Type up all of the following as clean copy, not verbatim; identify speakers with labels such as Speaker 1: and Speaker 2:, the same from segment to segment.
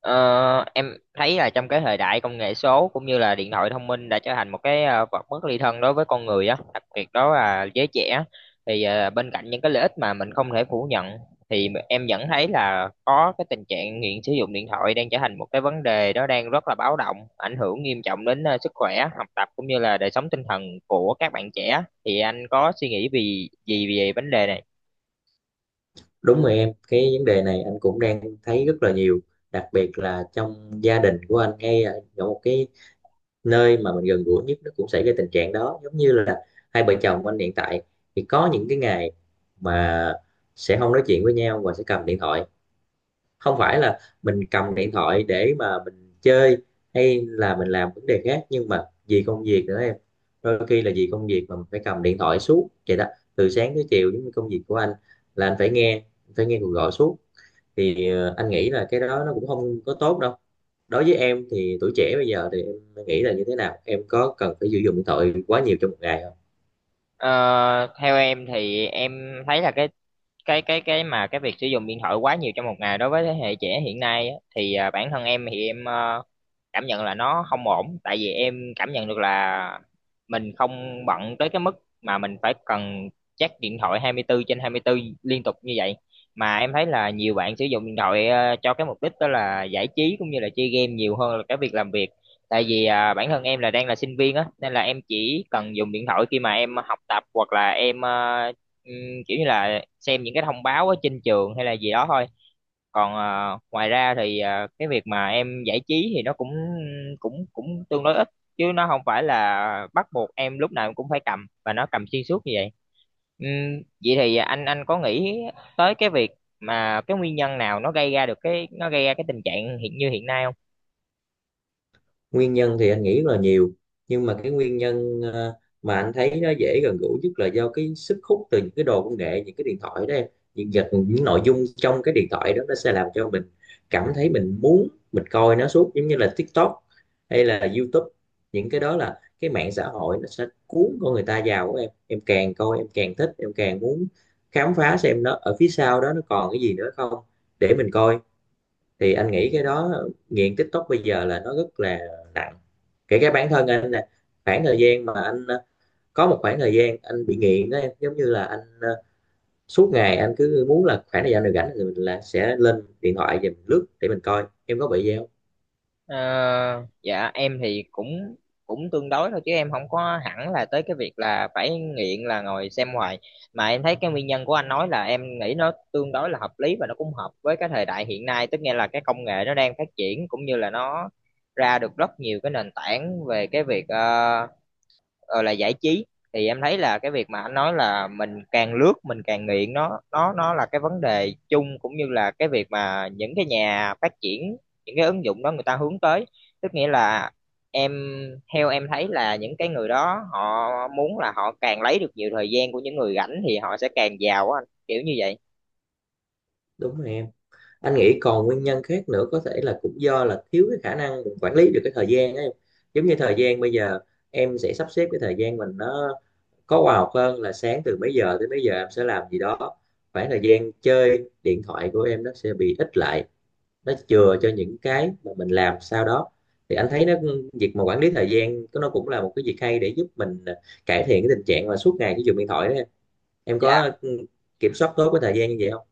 Speaker 1: Ờ, em thấy là trong cái thời đại công nghệ số cũng như là điện thoại thông minh đã trở thành một cái vật bất ly thân đối với con người á, đặc biệt đó là giới trẻ. Thì bên cạnh những cái lợi ích mà mình không thể phủ nhận thì em vẫn thấy là có cái tình trạng nghiện sử dụng điện thoại đang trở thành một cái vấn đề đó đang rất là báo động, ảnh hưởng nghiêm trọng đến sức khỏe, học tập cũng như là đời sống tinh thần của các bạn trẻ. Thì anh có suy nghĩ vì gì về vấn đề này?
Speaker 2: Đúng rồi em, cái vấn đề này anh cũng đang thấy rất là nhiều, đặc biệt là trong gia đình của anh ngay là ở một cái nơi mà mình gần gũi nhất nó cũng xảy ra tình trạng đó, giống như là hai vợ chồng anh hiện tại thì có những cái ngày mà sẽ không nói chuyện với nhau và sẽ cầm điện thoại. Không phải là mình cầm điện thoại để mà mình chơi hay là mình làm vấn đề khác, nhưng mà vì công việc nữa em. Đôi khi là vì công việc mà mình phải cầm điện thoại suốt vậy đó, từ sáng tới chiều. Giống như công việc của anh là anh phải nghe cuộc gọi suốt, thì anh nghĩ là cái đó nó cũng không có tốt đâu. Đối với em thì tuổi trẻ bây giờ thì em nghĩ là như thế nào, em có cần phải sử dụng điện thoại quá nhiều trong một ngày không?
Speaker 1: Ờ, Theo em thì em thấy là cái mà cái việc sử dụng điện thoại quá nhiều trong một ngày đối với thế hệ trẻ hiện nay á, thì bản thân em thì em cảm nhận là nó không ổn, tại vì em cảm nhận được là mình không bận tới cái mức mà mình phải cần check điện thoại 24 trên 24 liên tục như vậy, mà em thấy là nhiều bạn sử dụng điện thoại cho cái mục đích đó là giải trí cũng như là chơi game nhiều hơn là cái việc làm việc, tại vì bản thân em là đang là sinh viên á, nên là em chỉ cần dùng điện thoại khi mà em học tập hoặc là em ờ, thôi kiểu như là xem những cái thông báo ở trên trường hay là gì đó thôi. Còn ngoài ra thì cái việc mà em giải trí thì nó cũng cũng cũng tương đối ít, chứ nó không phải là bắt buộc em lúc nào em cũng phải cầm và nó cầm xuyên suốt như vậy. Vậy thì anh có nghĩ tới cái việc mà cái nguyên nhân nào nó gây ra được cái nó gây ra cái tình trạng hiện như hiện nay không?
Speaker 2: Nguyên nhân thì anh nghĩ là nhiều, nhưng mà cái nguyên nhân mà anh thấy nó dễ gần gũi nhất là do cái sức hút từ những cái đồ công nghệ, những cái điện thoại đó em. Những vật, những nội dung trong cái điện thoại đó nó sẽ làm cho mình cảm thấy mình muốn mình coi nó suốt, giống như là TikTok hay là YouTube. Những cái đó là cái mạng xã hội, nó sẽ cuốn con người ta vào của em càng coi em càng thích, em càng muốn khám phá xem nó ở phía sau đó nó còn cái gì nữa không để mình coi. Thì anh nghĩ cái đó, nghiện TikTok bây giờ là nó rất là nặng, kể cả bản thân anh nè. Khoảng thời gian mà anh có một khoảng thời gian anh bị nghiện đó em, giống như là anh suốt ngày anh cứ muốn là khoảng thời gian nào rảnh thì mình là sẽ lên điện thoại và mình lướt để mình coi. Em có bị gì không?
Speaker 1: Ờ, dạ em thì cũng cũng tương đối thôi, chứ em không có hẳn là tới cái việc là phải nghiện là ngồi xem hoài, mà em thấy cái nguyên nhân của anh nói là em nghĩ nó tương đối là hợp lý, và nó cũng hợp với cái thời đại hiện nay, tức nghĩa là cái công nghệ nó đang phát triển cũng như là nó ra được rất nhiều cái nền tảng về cái việc là giải trí. Thì em thấy là cái việc mà anh nói là mình càng lướt mình càng nghiện, nó là cái vấn đề chung cũng như là cái việc mà những cái nhà phát triển những cái ứng dụng đó người ta hướng tới, tức nghĩa là em, theo em thấy là những cái người đó họ muốn là họ càng lấy được nhiều thời gian của những người rảnh thì họ sẽ càng giàu á anh, kiểu như vậy.
Speaker 2: Đúng rồi em, anh nghĩ còn nguyên nhân khác nữa có thể là cũng do là thiếu cái khả năng quản lý được cái thời gian ấy. Giống như thời gian bây giờ, em sẽ sắp xếp cái thời gian mình nó có khoa học hơn, là sáng từ mấy giờ tới mấy giờ em sẽ làm gì đó, khoảng thời gian chơi điện thoại của em nó sẽ bị ít lại, nó chừa cho những cái mà mình làm sau đó. Thì anh thấy nó, việc mà quản lý thời gian có nó cũng là một cái việc hay để giúp mình cải thiện cái tình trạng mà suốt ngày cái dùng điện thoại đó em. Em có
Speaker 1: Dạ.
Speaker 2: kiểm soát tốt cái thời gian như vậy không?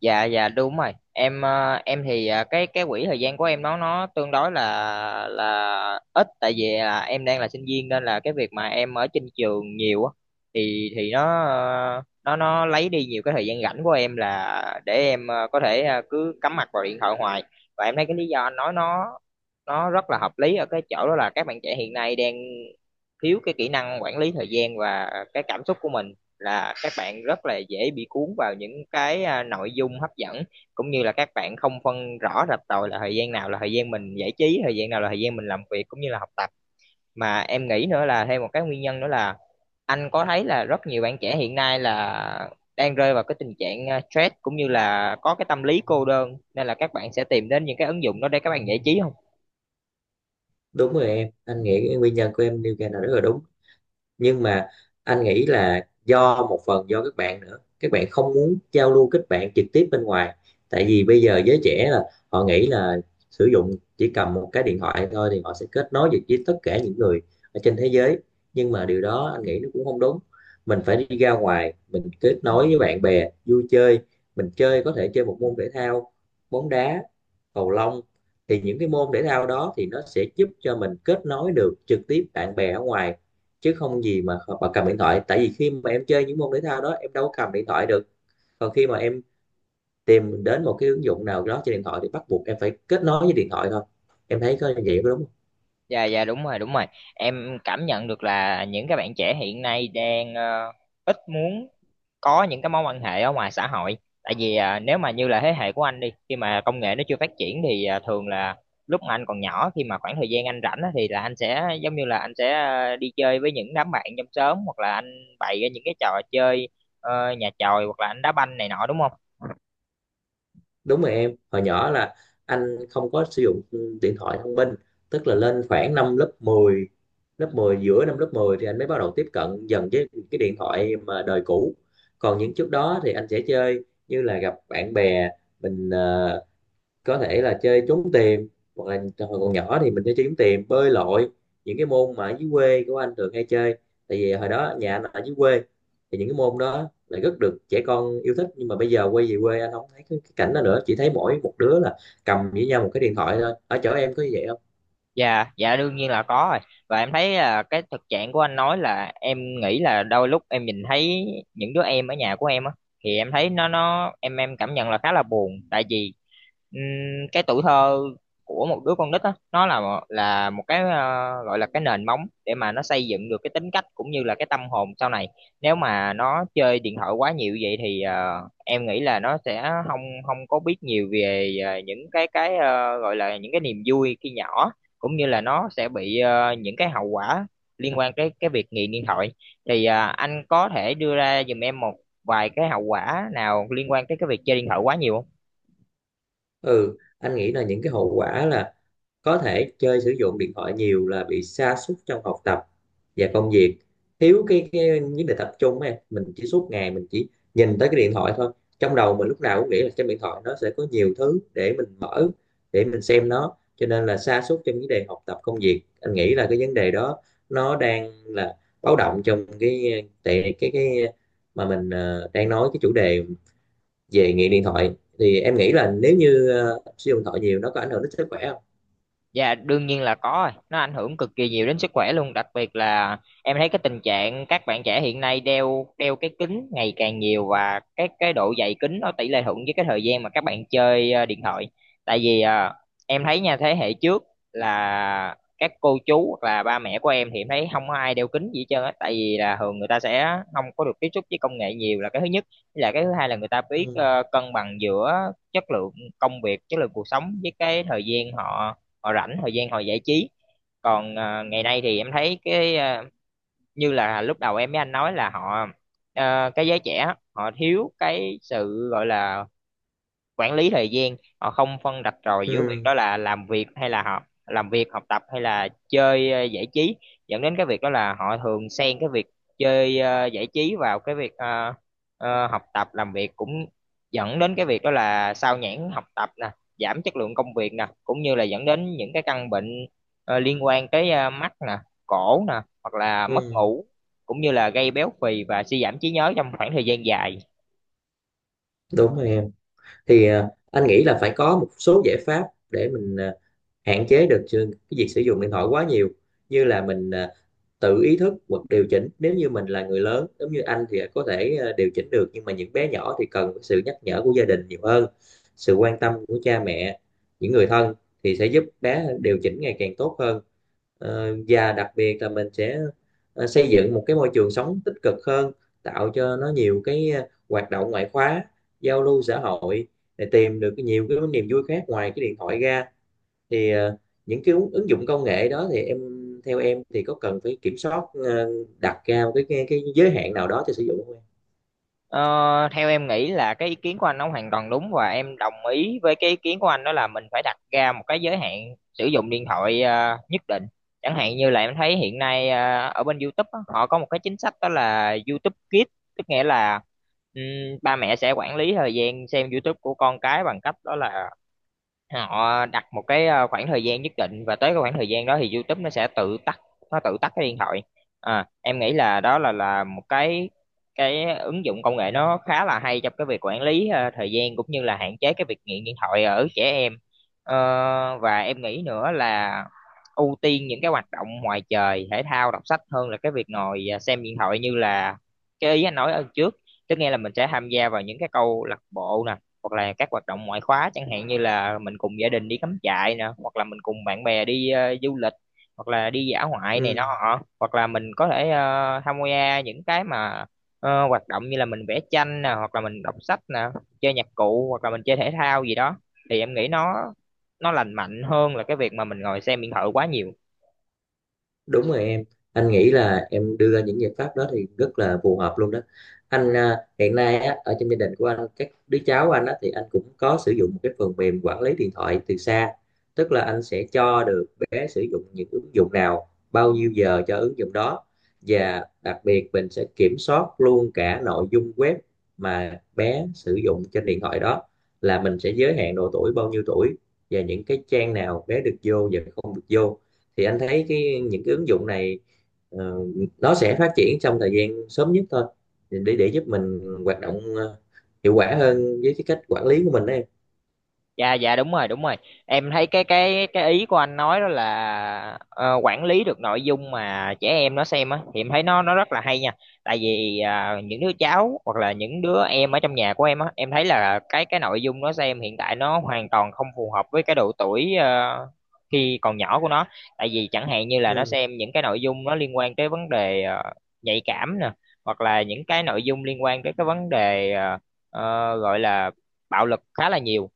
Speaker 1: Dạ đúng rồi em, em thì cái quỹ thời gian của em nó tương đối là ít, tại vì là em đang là sinh viên nên là cái việc mà em ở trên trường nhiều á, thì nó ờ, nó lấy đi nhiều cái thời gian rảnh của em là để em có thể cứ cắm mặt vào điện thoại hoài. Và em thấy cái lý do anh nói nó rất là hợp lý ở cái chỗ đó là các bạn trẻ hiện nay đang thiếu cái kỹ năng quản lý thời gian và cái cảm xúc của mình, là các bạn rất là dễ bị cuốn vào những cái nội dung hấp dẫn, cũng như là các bạn không phân rõ rạch ròi là thời gian nào là thời gian mình giải trí, thời gian nào là thời gian mình làm việc cũng như là học tập. Mà em nghĩ nữa là thêm một cái nguyên nhân nữa là anh có thấy là rất nhiều bạn trẻ hiện nay là đang rơi vào cái tình trạng stress, cũng như là có cái tâm lý cô đơn, nên là các bạn sẽ tìm đến những cái ứng dụng đó để các bạn giải trí không?
Speaker 2: Đúng rồi em, anh nghĩ cái nguyên nhân của em nêu ra là rất là đúng, nhưng mà anh nghĩ là do một phần do các bạn nữa, các bạn không muốn giao lưu kết bạn trực tiếp bên ngoài. Tại vì bây giờ giới trẻ là họ nghĩ là sử dụng chỉ cầm một cái điện thoại thôi thì họ sẽ kết nối được với tất cả những người ở trên thế giới, nhưng mà điều đó anh nghĩ nó cũng không đúng. Mình phải đi ra ngoài, mình kết nối với bạn bè, vui chơi, mình chơi, có thể chơi một môn thể thao, bóng đá, cầu lông. Thì những cái môn thể thao đó thì nó sẽ giúp cho mình kết nối được trực tiếp bạn bè ở ngoài, chứ không gì mà cầm điện thoại. Tại vì khi mà em chơi những môn thể thao đó em đâu có cầm điện thoại được, còn khi mà em tìm đến một cái ứng dụng nào đó trên điện thoại thì bắt buộc em phải kết nối với điện thoại thôi. Em thấy có như vậy có đúng không?
Speaker 1: Dạ, dạ đúng rồi, đúng rồi, em cảm nhận được là những cái bạn trẻ hiện nay đang ít muốn có những cái mối quan hệ ở ngoài xã hội, tại vì nếu mà như là thế hệ của anh đi, khi mà công nghệ nó chưa phát triển thì thường là lúc mà anh còn nhỏ, khi mà khoảng thời gian anh rảnh á, thì là anh sẽ giống như là anh sẽ đi chơi với những đám bạn trong xóm hoặc là anh bày ra những cái trò chơi nhà chòi, hoặc là anh đá banh này nọ đúng không?
Speaker 2: Đúng rồi em, hồi nhỏ là anh không có sử dụng điện thoại thông minh. Tức là lên khoảng năm lớp mười, giữa năm lớp 10 thì anh mới bắt đầu tiếp cận dần với cái điện thoại mà đời cũ. Còn những trước đó thì anh sẽ chơi như là gặp bạn bè, mình có thể là chơi trốn tìm, hoặc là hồi còn nhỏ thì mình chơi trốn tìm, bơi lội, những cái môn mà ở dưới quê của anh thường hay chơi. Tại vì hồi đó nhà anh ở dưới quê, thì những cái môn đó lại rất được trẻ con yêu thích, nhưng mà bây giờ quay về quê anh không thấy cái cảnh đó nữa, chỉ thấy mỗi một đứa là cầm với nhau một cái điện thoại thôi. Ở chỗ em có như vậy không?
Speaker 1: Dạ, dạ đương nhiên là có rồi. Và em thấy là cái thực trạng của anh nói, là em nghĩ là đôi lúc em nhìn thấy những đứa em ở nhà của em á, thì em thấy nó em cảm nhận là khá là buồn, tại vì ừm, cái tuổi thơ của một đứa con nít á, nó là một cái gọi là cái nền móng để mà nó xây dựng được cái tính cách cũng như là cái tâm hồn sau này. Nếu mà nó chơi điện thoại quá nhiều vậy thì em nghĩ là nó sẽ không không có biết nhiều về những cái gọi là những cái niềm vui khi nhỏ, cũng như là nó sẽ bị những cái hậu quả liên quan tới cái việc nghiện điện thoại. Thì anh có thể đưa ra giùm em một vài cái hậu quả nào liên quan tới cái việc chơi điện thoại quá nhiều không?
Speaker 2: Ừ, anh nghĩ là những cái hậu quả là có thể chơi sử dụng điện thoại nhiều là bị sa sút trong học tập và công việc, thiếu cái vấn đề tập trung ấy. Mình chỉ suốt ngày mình chỉ nhìn tới cái điện thoại thôi, trong đầu mình lúc nào cũng nghĩ là trên điện thoại nó sẽ có nhiều thứ để mình mở, để mình xem nó, cho nên là sa sút trong vấn đề học tập công việc. Anh nghĩ là cái vấn đề đó nó đang là báo động trong cái tại cái mà mình đang nói cái chủ đề về nghiện điện thoại. Thì em nghĩ là nếu như sử dụng điện thoại nhiều nó có ảnh hưởng đến sức khỏe không?
Speaker 1: Dạ đương nhiên là có rồi. Nó ảnh hưởng cực kỳ nhiều đến sức khỏe luôn, đặc biệt là em thấy cái tình trạng các bạn trẻ hiện nay đeo đeo cái kính ngày càng nhiều, và cái độ dày kính nó tỷ lệ thuận với cái thời gian mà các bạn chơi điện thoại. Tại vì em thấy nha, thế hệ trước là các cô chú hoặc là ba mẹ của em, thì em thấy không có ai đeo kính gì hết trơn á, tại vì là thường người ta sẽ không có được tiếp xúc với công nghệ nhiều là cái thứ nhất. Với lại cái thứ hai là người ta biết
Speaker 2: Ừ.
Speaker 1: cân bằng giữa chất lượng công việc, chất lượng cuộc sống với cái thời gian họ họ rảnh, thời gian họ giải trí. Còn ngày nay thì em thấy cái như là lúc đầu em với anh nói là họ, cái giới trẻ họ thiếu cái sự gọi là quản lý thời gian, họ không phân rạch ròi giữa việc
Speaker 2: Ừ,
Speaker 1: đó là làm việc hay là học, làm việc học tập hay là chơi giải trí, dẫn đến cái việc đó là họ thường xen cái việc chơi giải trí vào cái việc học tập làm việc, cũng dẫn đến cái việc đó là sao nhãng học tập nè, giảm chất lượng công việc nè, cũng như là dẫn đến những cái căn bệnh liên quan tới mắt nè, cổ nè, hoặc là mất
Speaker 2: ừ,
Speaker 1: ngủ, cũng như là gây béo phì và suy giảm trí nhớ trong khoảng thời gian dài.
Speaker 2: đúng rồi em. Thì à, anh nghĩ là phải có một số giải pháp để mình à, hạn chế được sự- cái việc sử dụng điện thoại quá nhiều. Như là mình à, tự ý thức hoặc điều chỉnh, nếu như mình là người lớn giống như anh thì có thể điều chỉnh được, nhưng mà những bé nhỏ thì cần sự nhắc nhở của gia đình nhiều hơn. Sự quan tâm của cha mẹ, những người thân thì sẽ giúp bé điều chỉnh ngày càng tốt hơn. Ờ, và đặc biệt là mình sẽ xây dựng một cái môi trường sống tích cực hơn, tạo cho nó nhiều cái hoạt động ngoại khóa, giao lưu xã hội để tìm được nhiều cái niềm vui khác ngoài cái điện thoại ra. Thì ờ, những cái ứng ứng dụng công nghệ đó thì em, theo em thì có cần phải kiểm soát đặt ra cái giới hạn nào đó cho sử dụng không em?
Speaker 1: Ờ, Theo em nghĩ là cái ý kiến của anh nó hoàn toàn đúng, và em đồng ý với cái ý kiến của anh, đó là mình phải đặt ra một cái giới hạn sử dụng điện thoại nhất định. Chẳng hạn như là em thấy hiện nay ở bên YouTube á, họ có một cái chính sách đó là YouTube Kids, tức nghĩa là ừm, ba mẹ sẽ quản lý thời gian xem YouTube của con cái bằng cách đó là họ đặt một cái khoảng thời gian nhất định, và tới cái khoảng thời gian đó thì YouTube nó sẽ tự tắt, nó tự tắt cái điện thoại. Em nghĩ là đó là một cái ứng dụng công nghệ nó khá là hay trong cái việc quản lý thời gian cũng như là hạn chế cái việc nghiện điện thoại ở trẻ em. Và em nghĩ nữa là ưu tiên những cái hoạt động ngoài trời, thể thao, đọc sách, hơn là cái việc ngồi xem điện thoại, như là cái ý anh nói ở trước, tức nghe là mình sẽ tham gia vào những cái câu lạc bộ nè, hoặc là các hoạt động ngoại khóa, chẳng hạn như là mình cùng gia đình đi cắm trại nè, hoặc là mình cùng bạn bè đi du lịch, hoặc là đi dã ngoại này nọ,
Speaker 2: Ừ.
Speaker 1: hoặc là mình có thể tham gia những cái hoạt động như là mình vẽ tranh nè, hoặc là mình đọc sách nè, chơi nhạc cụ, hoặc là mình chơi thể thao gì đó, thì em nghĩ nó lành mạnh hơn là cái việc mà mình ngồi xem điện thoại quá nhiều.
Speaker 2: Đúng rồi em, anh nghĩ là em đưa ra những giải pháp đó thì rất là phù hợp luôn đó. Anh à, hiện nay á, ở trong gia đình của anh, các đứa cháu anh á, thì anh cũng có sử dụng một cái phần mềm quản lý điện thoại từ xa. Tức là anh sẽ cho được bé sử dụng những ứng dụng nào, bao nhiêu giờ cho ứng dụng đó. Và đặc biệt mình sẽ kiểm soát luôn cả nội dung web mà bé sử dụng trên điện thoại đó, là mình sẽ giới hạn độ tuổi, bao nhiêu tuổi và những cái trang nào bé được vô và không được vô. Thì anh thấy cái những cái ứng dụng này ờ, nó sẽ phát triển trong thời gian sớm nhất thôi, để giúp mình hoạt động hiệu quả hơn với cái cách quản lý của mình đấy em.
Speaker 1: Dạ, dạ đúng rồi, đúng rồi, em thấy cái ý của anh nói đó là quản lý được nội dung mà trẻ em nó xem á, thì em thấy nó rất là hay nha, tại vì những đứa cháu hoặc là những đứa em ở trong nhà của em á, em thấy là cái nội dung nó xem hiện tại nó hoàn toàn không phù hợp với cái độ tuổi khi còn nhỏ của nó, tại vì chẳng hạn như là nó
Speaker 2: Ừ,
Speaker 1: xem những cái nội dung nó liên quan tới vấn đề nhạy cảm nè, hoặc là những cái nội dung liên quan tới cái vấn đề gọi là bạo lực khá là nhiều.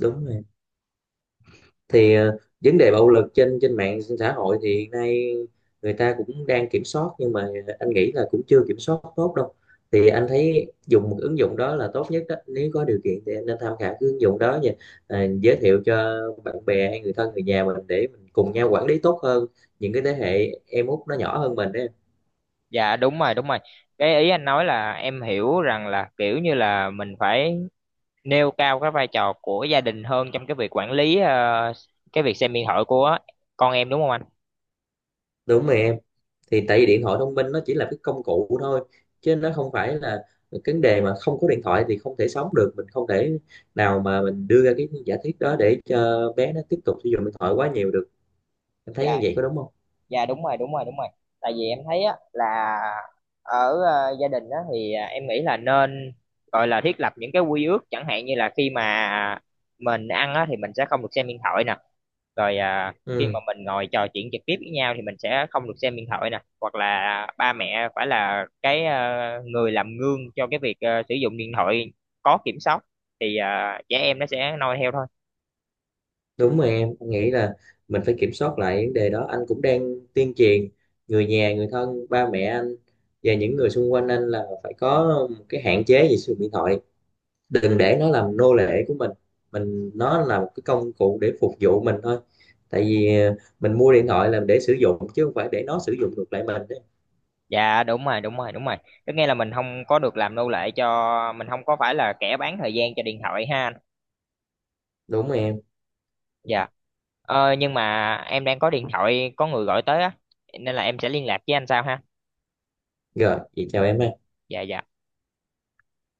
Speaker 2: đúng rồi, thì ờ, vấn đề bạo lực trên trên mạng xã hội thì hiện nay người ta cũng đang kiểm soát, nhưng mà anh nghĩ là cũng chưa kiểm soát tốt đâu. Thì anh thấy dùng một ứng dụng đó là tốt nhất đó, nếu có điều kiện thì anh nên tham khảo cái ứng dụng đó nha. Ờ, giới thiệu cho bạn bè hay người thân, người nhà mình để mình cùng nhau quản lý tốt hơn những cái thế hệ em út nó nhỏ hơn mình đấy.
Speaker 1: Dạ đúng rồi, đúng rồi. Cái ý anh nói là em hiểu rằng là kiểu như là mình phải nêu cao cái vai trò của gia đình hơn trong cái việc quản lý cái việc xem điện thoại của con em đúng không anh?
Speaker 2: Đúng rồi em, thì tại vì điện thoại thông minh nó chỉ là cái công cụ thôi, chứ nó không phải là cái vấn đề mà không có điện thoại thì không thể sống được. Mình không thể nào mà mình đưa ra cái giả thuyết đó để cho bé nó tiếp tục sử dụng điện thoại quá nhiều được. Anh thấy
Speaker 1: Dạ,
Speaker 2: như vậy có đúng không?
Speaker 1: dạ đúng rồi, đúng rồi, đúng rồi. Tại vì em thấy á là ở gia đình á thì em nghĩ là nên gọi là thiết lập những cái quy ước, chẳng hạn như là khi mà mình ăn á thì mình sẽ không được xem điện thoại nè. Rồi khi
Speaker 2: Ừ,
Speaker 1: mà mình ngồi trò chuyện trực tiếp với nhau thì mình sẽ không được xem điện thoại nè, hoặc là ba mẹ phải là cái người làm gương cho cái việc sử dụng điện thoại có kiểm soát, thì trẻ em nó sẽ noi theo thôi.
Speaker 2: đúng rồi em. Anh nghĩ là mình phải kiểm soát lại vấn đề đó. Anh cũng đang tuyên truyền người nhà, người thân, ba mẹ anh và những người xung quanh anh là phải có một cái hạn chế về sử dụng điện thoại, đừng để nó làm nô lệ của mình. Mình nó là một cái công cụ để phục vụ mình thôi, tại vì ờ, mình mua điện thoại là để sử dụng, chứ không phải để nó sử dụng ngược lại mình đấy.
Speaker 1: Dạ đúng rồi, đúng rồi, đúng rồi, có nghĩa là mình không có được làm nô lệ cho mình, không có phải là kẻ bán thời gian cho điện thoại ha anh.
Speaker 2: Đúng rồi em,
Speaker 1: Dạ, nhưng mà em đang có điện thoại có người gọi tới á, nên là em sẽ liên lạc với anh sau ha.
Speaker 2: rồi vậy chào em ha.
Speaker 1: Dạ dạ.